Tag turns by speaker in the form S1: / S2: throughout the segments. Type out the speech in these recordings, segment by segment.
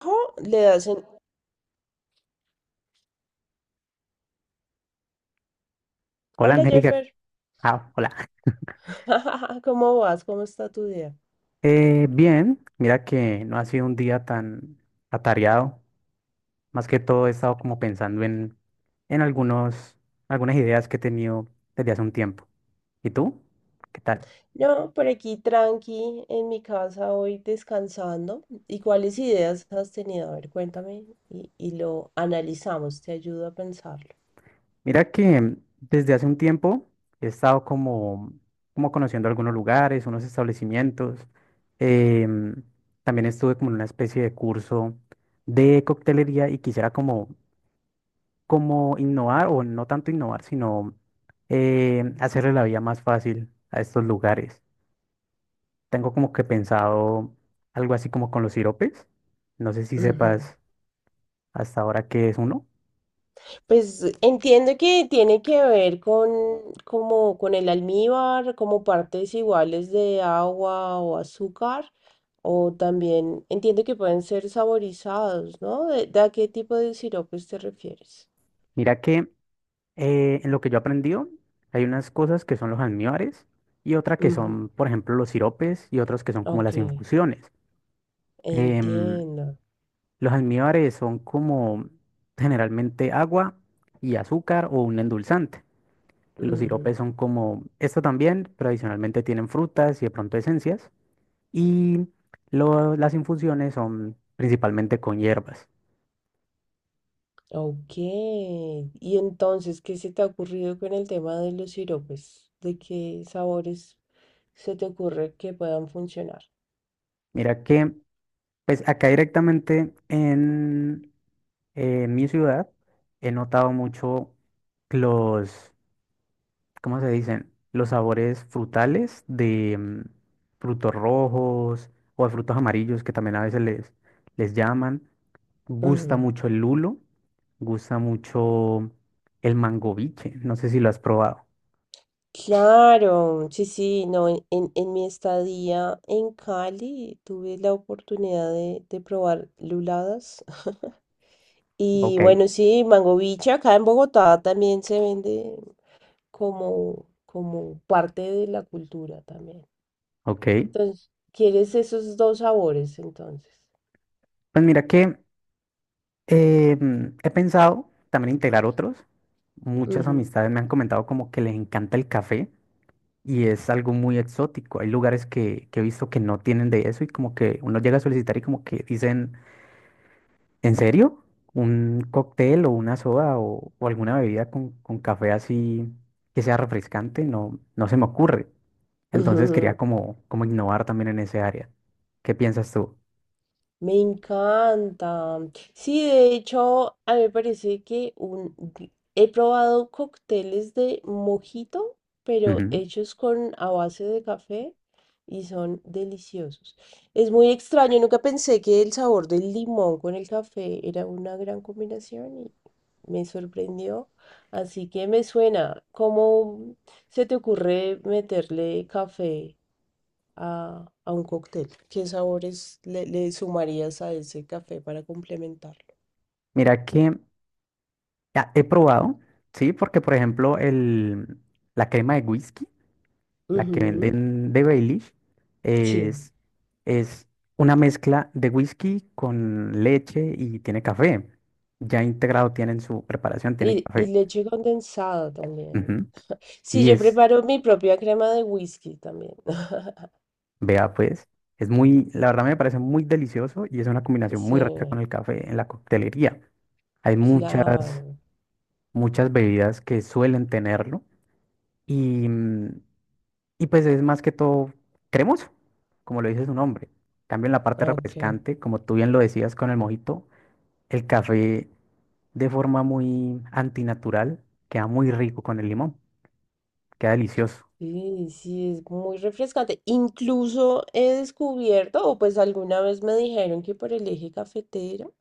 S1: Trabajo, le hacen,
S2: Hola
S1: hola
S2: Angélica,
S1: Jeffer.
S2: ah, hola.
S1: ¿Cómo vas? ¿Cómo está tu día?
S2: Bien, mira que no ha sido un día tan atareado. Más que todo he estado como pensando en algunas ideas que he tenido desde hace un tiempo. ¿Y tú? ¿Qué tal?
S1: No, por aquí tranqui, en mi casa hoy descansando. ¿Y cuáles ideas has tenido? A ver, cuéntame y lo analizamos, te ayudo a pensarlo.
S2: Mira que desde hace un tiempo he estado como, como conociendo algunos lugares, unos establecimientos. Em, También estuve como en una especie de curso de coctelería y quisiera como innovar, o no tanto innovar, sino hacerle la vida más fácil a estos lugares. Tengo como que pensado algo así como con los siropes. No sé si
S1: Ujú.
S2: sepas hasta ahora qué es uno.
S1: Pues entiendo que tiene que ver con, como con el almíbar, como partes iguales de agua o azúcar, o también entiendo que pueden ser saborizados, ¿no? ¿De a qué tipo de siropes te refieres?
S2: Mira que en lo que yo he aprendido, hay unas cosas que son los almíbares y otra que
S1: Ujú,
S2: son, por ejemplo, los siropes y otros que son como
S1: ok,
S2: las infusiones. Em,
S1: entiendo.
S2: los almíbares son como generalmente agua y azúcar o un endulzante. Los
S1: Ujú,
S2: siropes son como esto también, pero adicionalmente tienen frutas y de pronto esencias. Y las infusiones son principalmente con hierbas.
S1: ok, y entonces, ¿qué se te ha ocurrido con el tema de los siropes? ¿De qué sabores se te ocurre que puedan funcionar?
S2: Mira que, pues acá directamente en mi ciudad he notado mucho los, ¿cómo se dicen? Los sabores frutales de frutos rojos o de frutos amarillos que también a veces les llaman. Gusta
S1: Ujú.
S2: mucho el lulo, gusta mucho el mangoviche. No sé si lo has probado.
S1: Claro, sí, sí, no, en mi estadía en Cali tuve la oportunidad de probar luladas. Y
S2: Ok,
S1: bueno, sí, mangoviche acá en Bogotá también se vende como, como parte de la cultura también.
S2: ok.
S1: Entonces, ¿quieres esos dos sabores entonces?
S2: Pues mira que he pensado también integrar otros. Muchas
S1: Ujú.
S2: amistades me han comentado como que les encanta el café. Y es algo muy exótico. Hay lugares que he visto que no tienen de eso y como que uno llega a solicitar y como que dicen, ¿en serio? Un cóctel o una soda o alguna bebida con café así que sea refrescante, no se me ocurre. Entonces quería
S1: Ujú.
S2: como, como innovar también en ese área. ¿Qué piensas tú?
S1: Me encanta. Sí, de hecho, a mí me parece que un... he probado cócteles de mojito, pero
S2: Ujú.
S1: hechos con a base de café y son deliciosos. Es muy extraño, nunca pensé que el sabor del limón con el café era una gran combinación y me sorprendió. Así que me suena, ¿cómo se te ocurre meterle café a un cóctel? ¿Qué sabores le sumarías a ese café para complementarlo?
S2: Mira que he probado, sí, porque por ejemplo la crema de whisky. La que
S1: Ujú,
S2: venden de Baileys
S1: sí.
S2: es, es una mezcla de whisky con leche y tiene café. Ya integrado tiene en su preparación, tiene
S1: Y
S2: café.
S1: leche condensada también.
S2: Ujú.
S1: Sí,
S2: Y
S1: yo
S2: es,
S1: preparo mi propia crema de whisky también.
S2: vea pues, es muy, la verdad me parece muy delicioso y es una combinación
S1: Sí,
S2: muy rica con el café en la coctelería. Hay
S1: claro.
S2: muchas bebidas que suelen tenerlo. Y pues es más que todo cremoso, como lo dice su nombre. En cambio en la parte
S1: Ah, ok.
S2: refrescante, como tú bien lo decías con el mojito, el café de forma muy antinatural queda muy rico con el limón, queda delicioso,
S1: Sí, sí, es muy refrescante. Incluso he descubierto, o pues alguna vez me dijeron que por el eje cafetero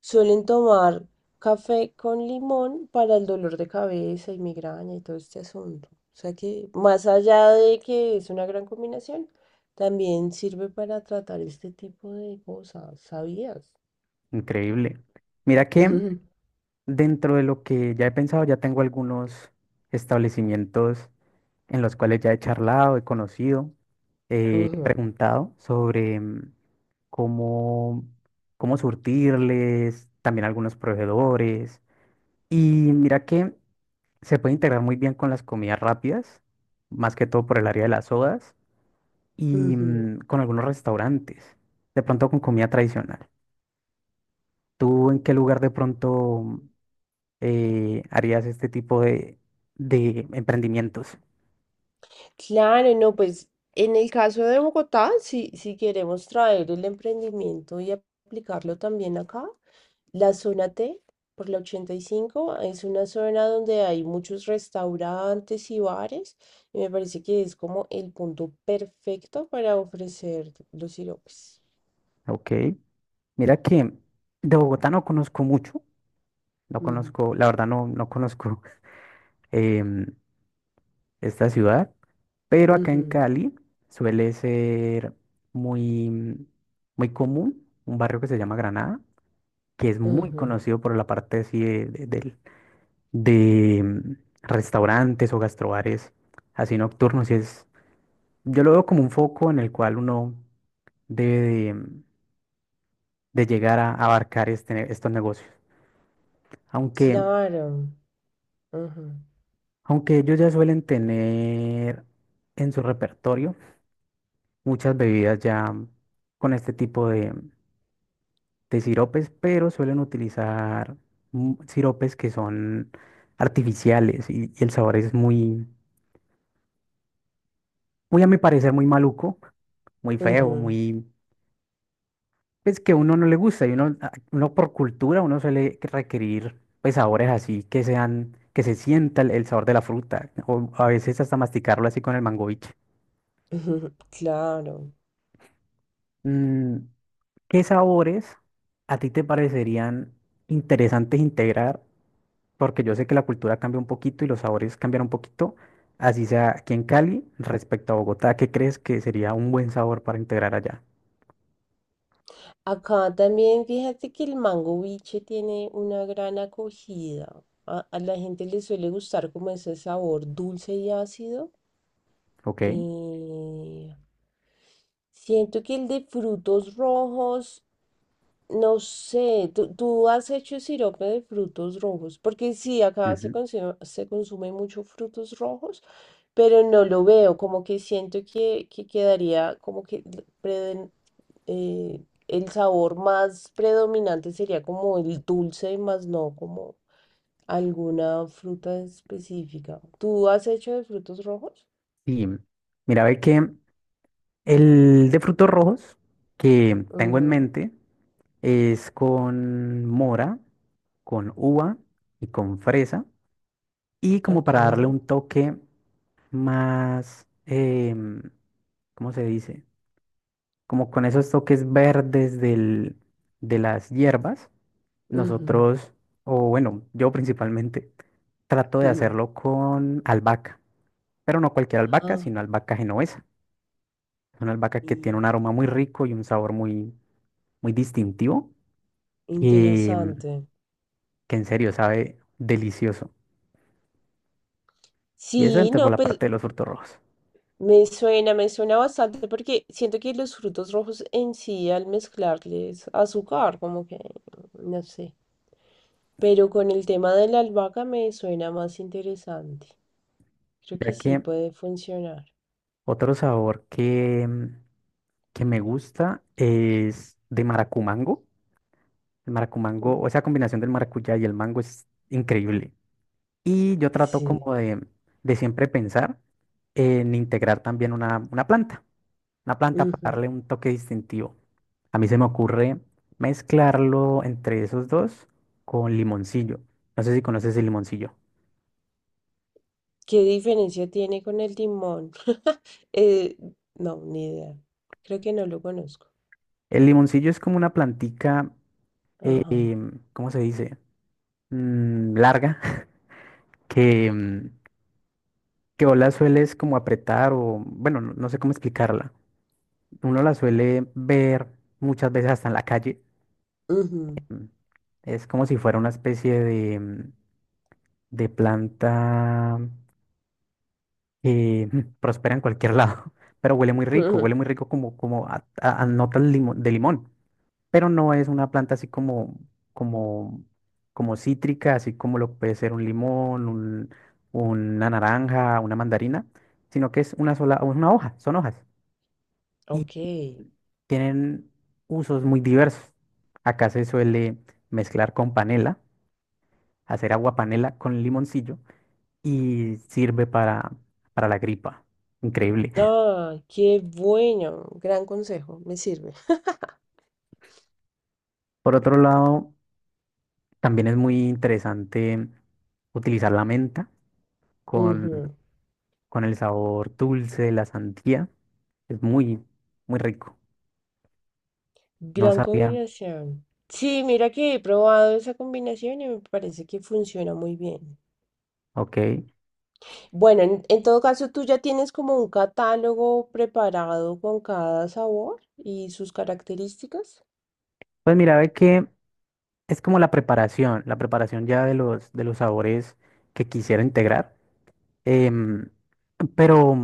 S1: suelen tomar café con limón para el dolor de cabeza y migraña y todo este asunto. O sea que más allá de que es una gran combinación, también sirve para tratar este tipo de cosas. ¿Sabías?
S2: increíble. Mira que dentro de lo que ya he pensado, ya tengo algunos establecimientos en los cuales ya he charlado, he conocido, he
S1: Ujú,
S2: preguntado sobre cómo, cómo surtirles, también algunos proveedores. Y mira que se puede integrar muy bien con las comidas rápidas, más que todo por el área de las sodas y
S1: ujú.
S2: con algunos restaurantes, de pronto con comida tradicional. ¿Tú en qué lugar de pronto harías este tipo de emprendimientos?
S1: Claro, no, pues en el caso de Bogotá, si, si queremos traer el emprendimiento y aplicarlo también acá, la zona T por la 85 es una zona donde hay muchos restaurantes y bares y me parece que es como el punto perfecto para ofrecer los siropes.
S2: Ok. Mira que de Bogotá no conozco mucho. No
S1: Ujú.
S2: conozco, la verdad, no conozco em, esta ciudad. Pero acá
S1: Ujú,
S2: en Cali suele ser muy, muy común un barrio que se llama Granada, que es muy
S1: ujú.
S2: conocido por la parte así de restaurantes o gastrobares así nocturnos. Y es Yo lo veo como un foco en el cual uno debe de, de llegar a abarcar estos negocios. Aunque,
S1: Claro. Ujú,
S2: aunque ellos ya suelen tener en su repertorio muchas bebidas ya con este tipo de siropes, pero suelen utilizar siropes que son artificiales y el sabor es muy, muy a mi parecer, muy maluco, muy
S1: ujú,
S2: feo,
S1: ujú.
S2: muy... pues que a uno no le gusta y uno por cultura uno suele requerir pues sabores así que sean, que se sienta el sabor de la fruta o a veces hasta masticarlo así con el mangoviche.
S1: Claro.
S2: Mm, ¿Qué sabores a ti te parecerían interesantes integrar? Porque yo sé que la cultura cambia un poquito y los sabores cambian un poquito, así sea aquí en Cali respecto a Bogotá, ¿qué crees que sería un buen sabor para integrar allá?
S1: Acá también fíjate que el mango biche tiene una gran acogida. A la gente le suele gustar como ese sabor dulce y ácido.
S2: Ok.
S1: Eh, siento que el de frutos rojos no sé, ¿tú, tú has hecho sirope de frutos rojos? Porque sí, acá
S2: Ujú.
S1: se consume mucho frutos rojos, pero no lo veo, como que siento que quedaría, como que l- preden- el sabor más predominante sería como el dulce, más no como alguna fruta específica. ¿Tú has hecho de frutos rojos?
S2: Y mira, ve que el de frutos rojos que tengo en
S1: Ujú,
S2: mente es con mora, con uva y con fresa. Y como
S1: ok.
S2: para darle un toque más, ¿cómo se dice? Como con esos toques verdes de las hierbas,
S1: Ujú,
S2: nosotros, o bueno, yo principalmente, trato de
S1: ujú.
S2: hacerlo con albahaca, pero no cualquier albahaca,
S1: Ah,
S2: sino albahaca genovesa. Es una albahaca que tiene un
S1: mira,
S2: aroma muy rico y un sabor muy, muy distintivo que, mm,
S1: interesante.
S2: que en serio sabe delicioso. Y eso
S1: Sí,
S2: entra por
S1: no,
S2: la
S1: pues
S2: parte de los frutos rojos.
S1: me suena bastante porque siento que los frutos rojos en sí al mezclarles azúcar, como que, no sé. Pero con el tema de la albahaca me suena más interesante. Creo que
S2: Ya
S1: sí
S2: que
S1: puede funcionar.
S2: otro sabor que me gusta es de maracumango. El maracumango, o
S1: Ujú.
S2: esa combinación del maracuyá y el mango es increíble. Y yo trato como
S1: Sí.
S2: de siempre pensar en integrar también una planta
S1: Ujú.
S2: para darle un toque distintivo. A mí se me ocurre mezclarlo entre esos dos con limoncillo. No sé si conoces el limoncillo.
S1: ¿Qué diferencia tiene con el limón? Eh, no, ni idea. Creo que no lo conozco.
S2: El limoncillo es como una plantica,
S1: Ajá.
S2: ¿cómo se dice? Larga, que, mm, que o la sueles como apretar o, bueno, no sé cómo explicarla. Uno la suele ver muchas veces hasta en la calle.
S1: Ujú.
S2: Mm, Es como si fuera una especie de, de planta y prospera en cualquier lado, pero huele muy rico como, como a notas de limón, pero no es una planta así como, como, como cítrica, así como lo puede ser un limón, una naranja, una mandarina, sino que es una sola, una hoja, son hojas y
S1: Ok.
S2: tienen usos muy diversos. Acá se suele mezclar con panela, hacer agua panela con limoncillo y sirve para la gripa. Increíble.
S1: Ah, qué bueno. Gran consejo. Me sirve.
S2: Por otro lado, también es muy interesante utilizar la menta con,
S1: Ujú.
S2: con el sabor dulce de la sandía. Es muy, muy rico. No
S1: Gran
S2: sabía.
S1: combinación. Sí, mira que he probado esa combinación y me parece que funciona muy bien.
S2: Ok.
S1: Bueno, en todo caso, tú ya tienes como un catálogo preparado con cada sabor y sus características.
S2: Pues mira, ve que es como la preparación ya de los sabores que quisiera integrar. Em, pero,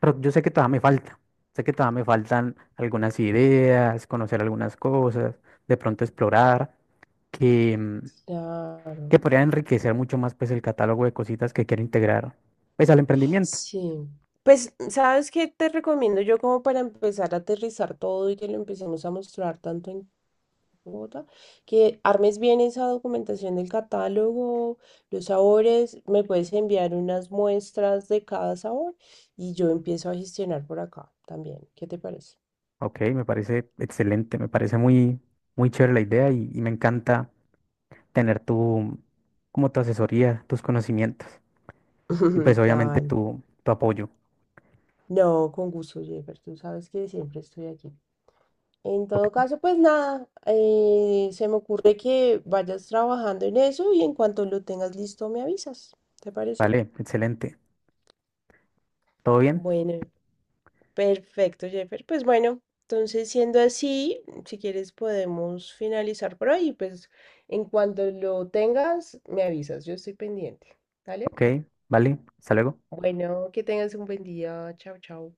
S2: pero yo sé que todavía me falta. Sé que todavía me faltan algunas ideas, conocer algunas cosas, de pronto explorar.
S1: Claro.
S2: Que podría enriquecer mucho más pues el catálogo de cositas que quiero integrar pues al emprendimiento.
S1: Sí. Pues, ¿sabes qué te recomiendo yo como para empezar a aterrizar todo y que lo empecemos a mostrar tanto en Bogotá, que armes bien esa documentación del catálogo, los sabores, me puedes enviar unas muestras de cada sabor y yo empiezo a gestionar por acá también? ¿Qué te parece?
S2: Ok, me parece excelente, me parece muy, muy chévere la idea y me encanta tener como tu asesoría, tus conocimientos y pues obviamente
S1: Dale.
S2: tu apoyo.
S1: No, con gusto, Jennifer, tú sabes que siempre estoy aquí. En
S2: Ok,
S1: todo caso, pues nada, se me ocurre que vayas trabajando en eso y en cuanto lo tengas listo me avisas. ¿Te parece?
S2: vale, excelente. ¿Todo bien?
S1: Bueno, perfecto, Jeffer. Pues bueno, entonces siendo así, si quieres podemos finalizar por hoy. Pues en cuanto lo tengas, me avisas. Yo estoy pendiente. ¿Vale?
S2: Ok, vale, hasta luego.
S1: Bueno, que tengas un buen día. Chao, chao.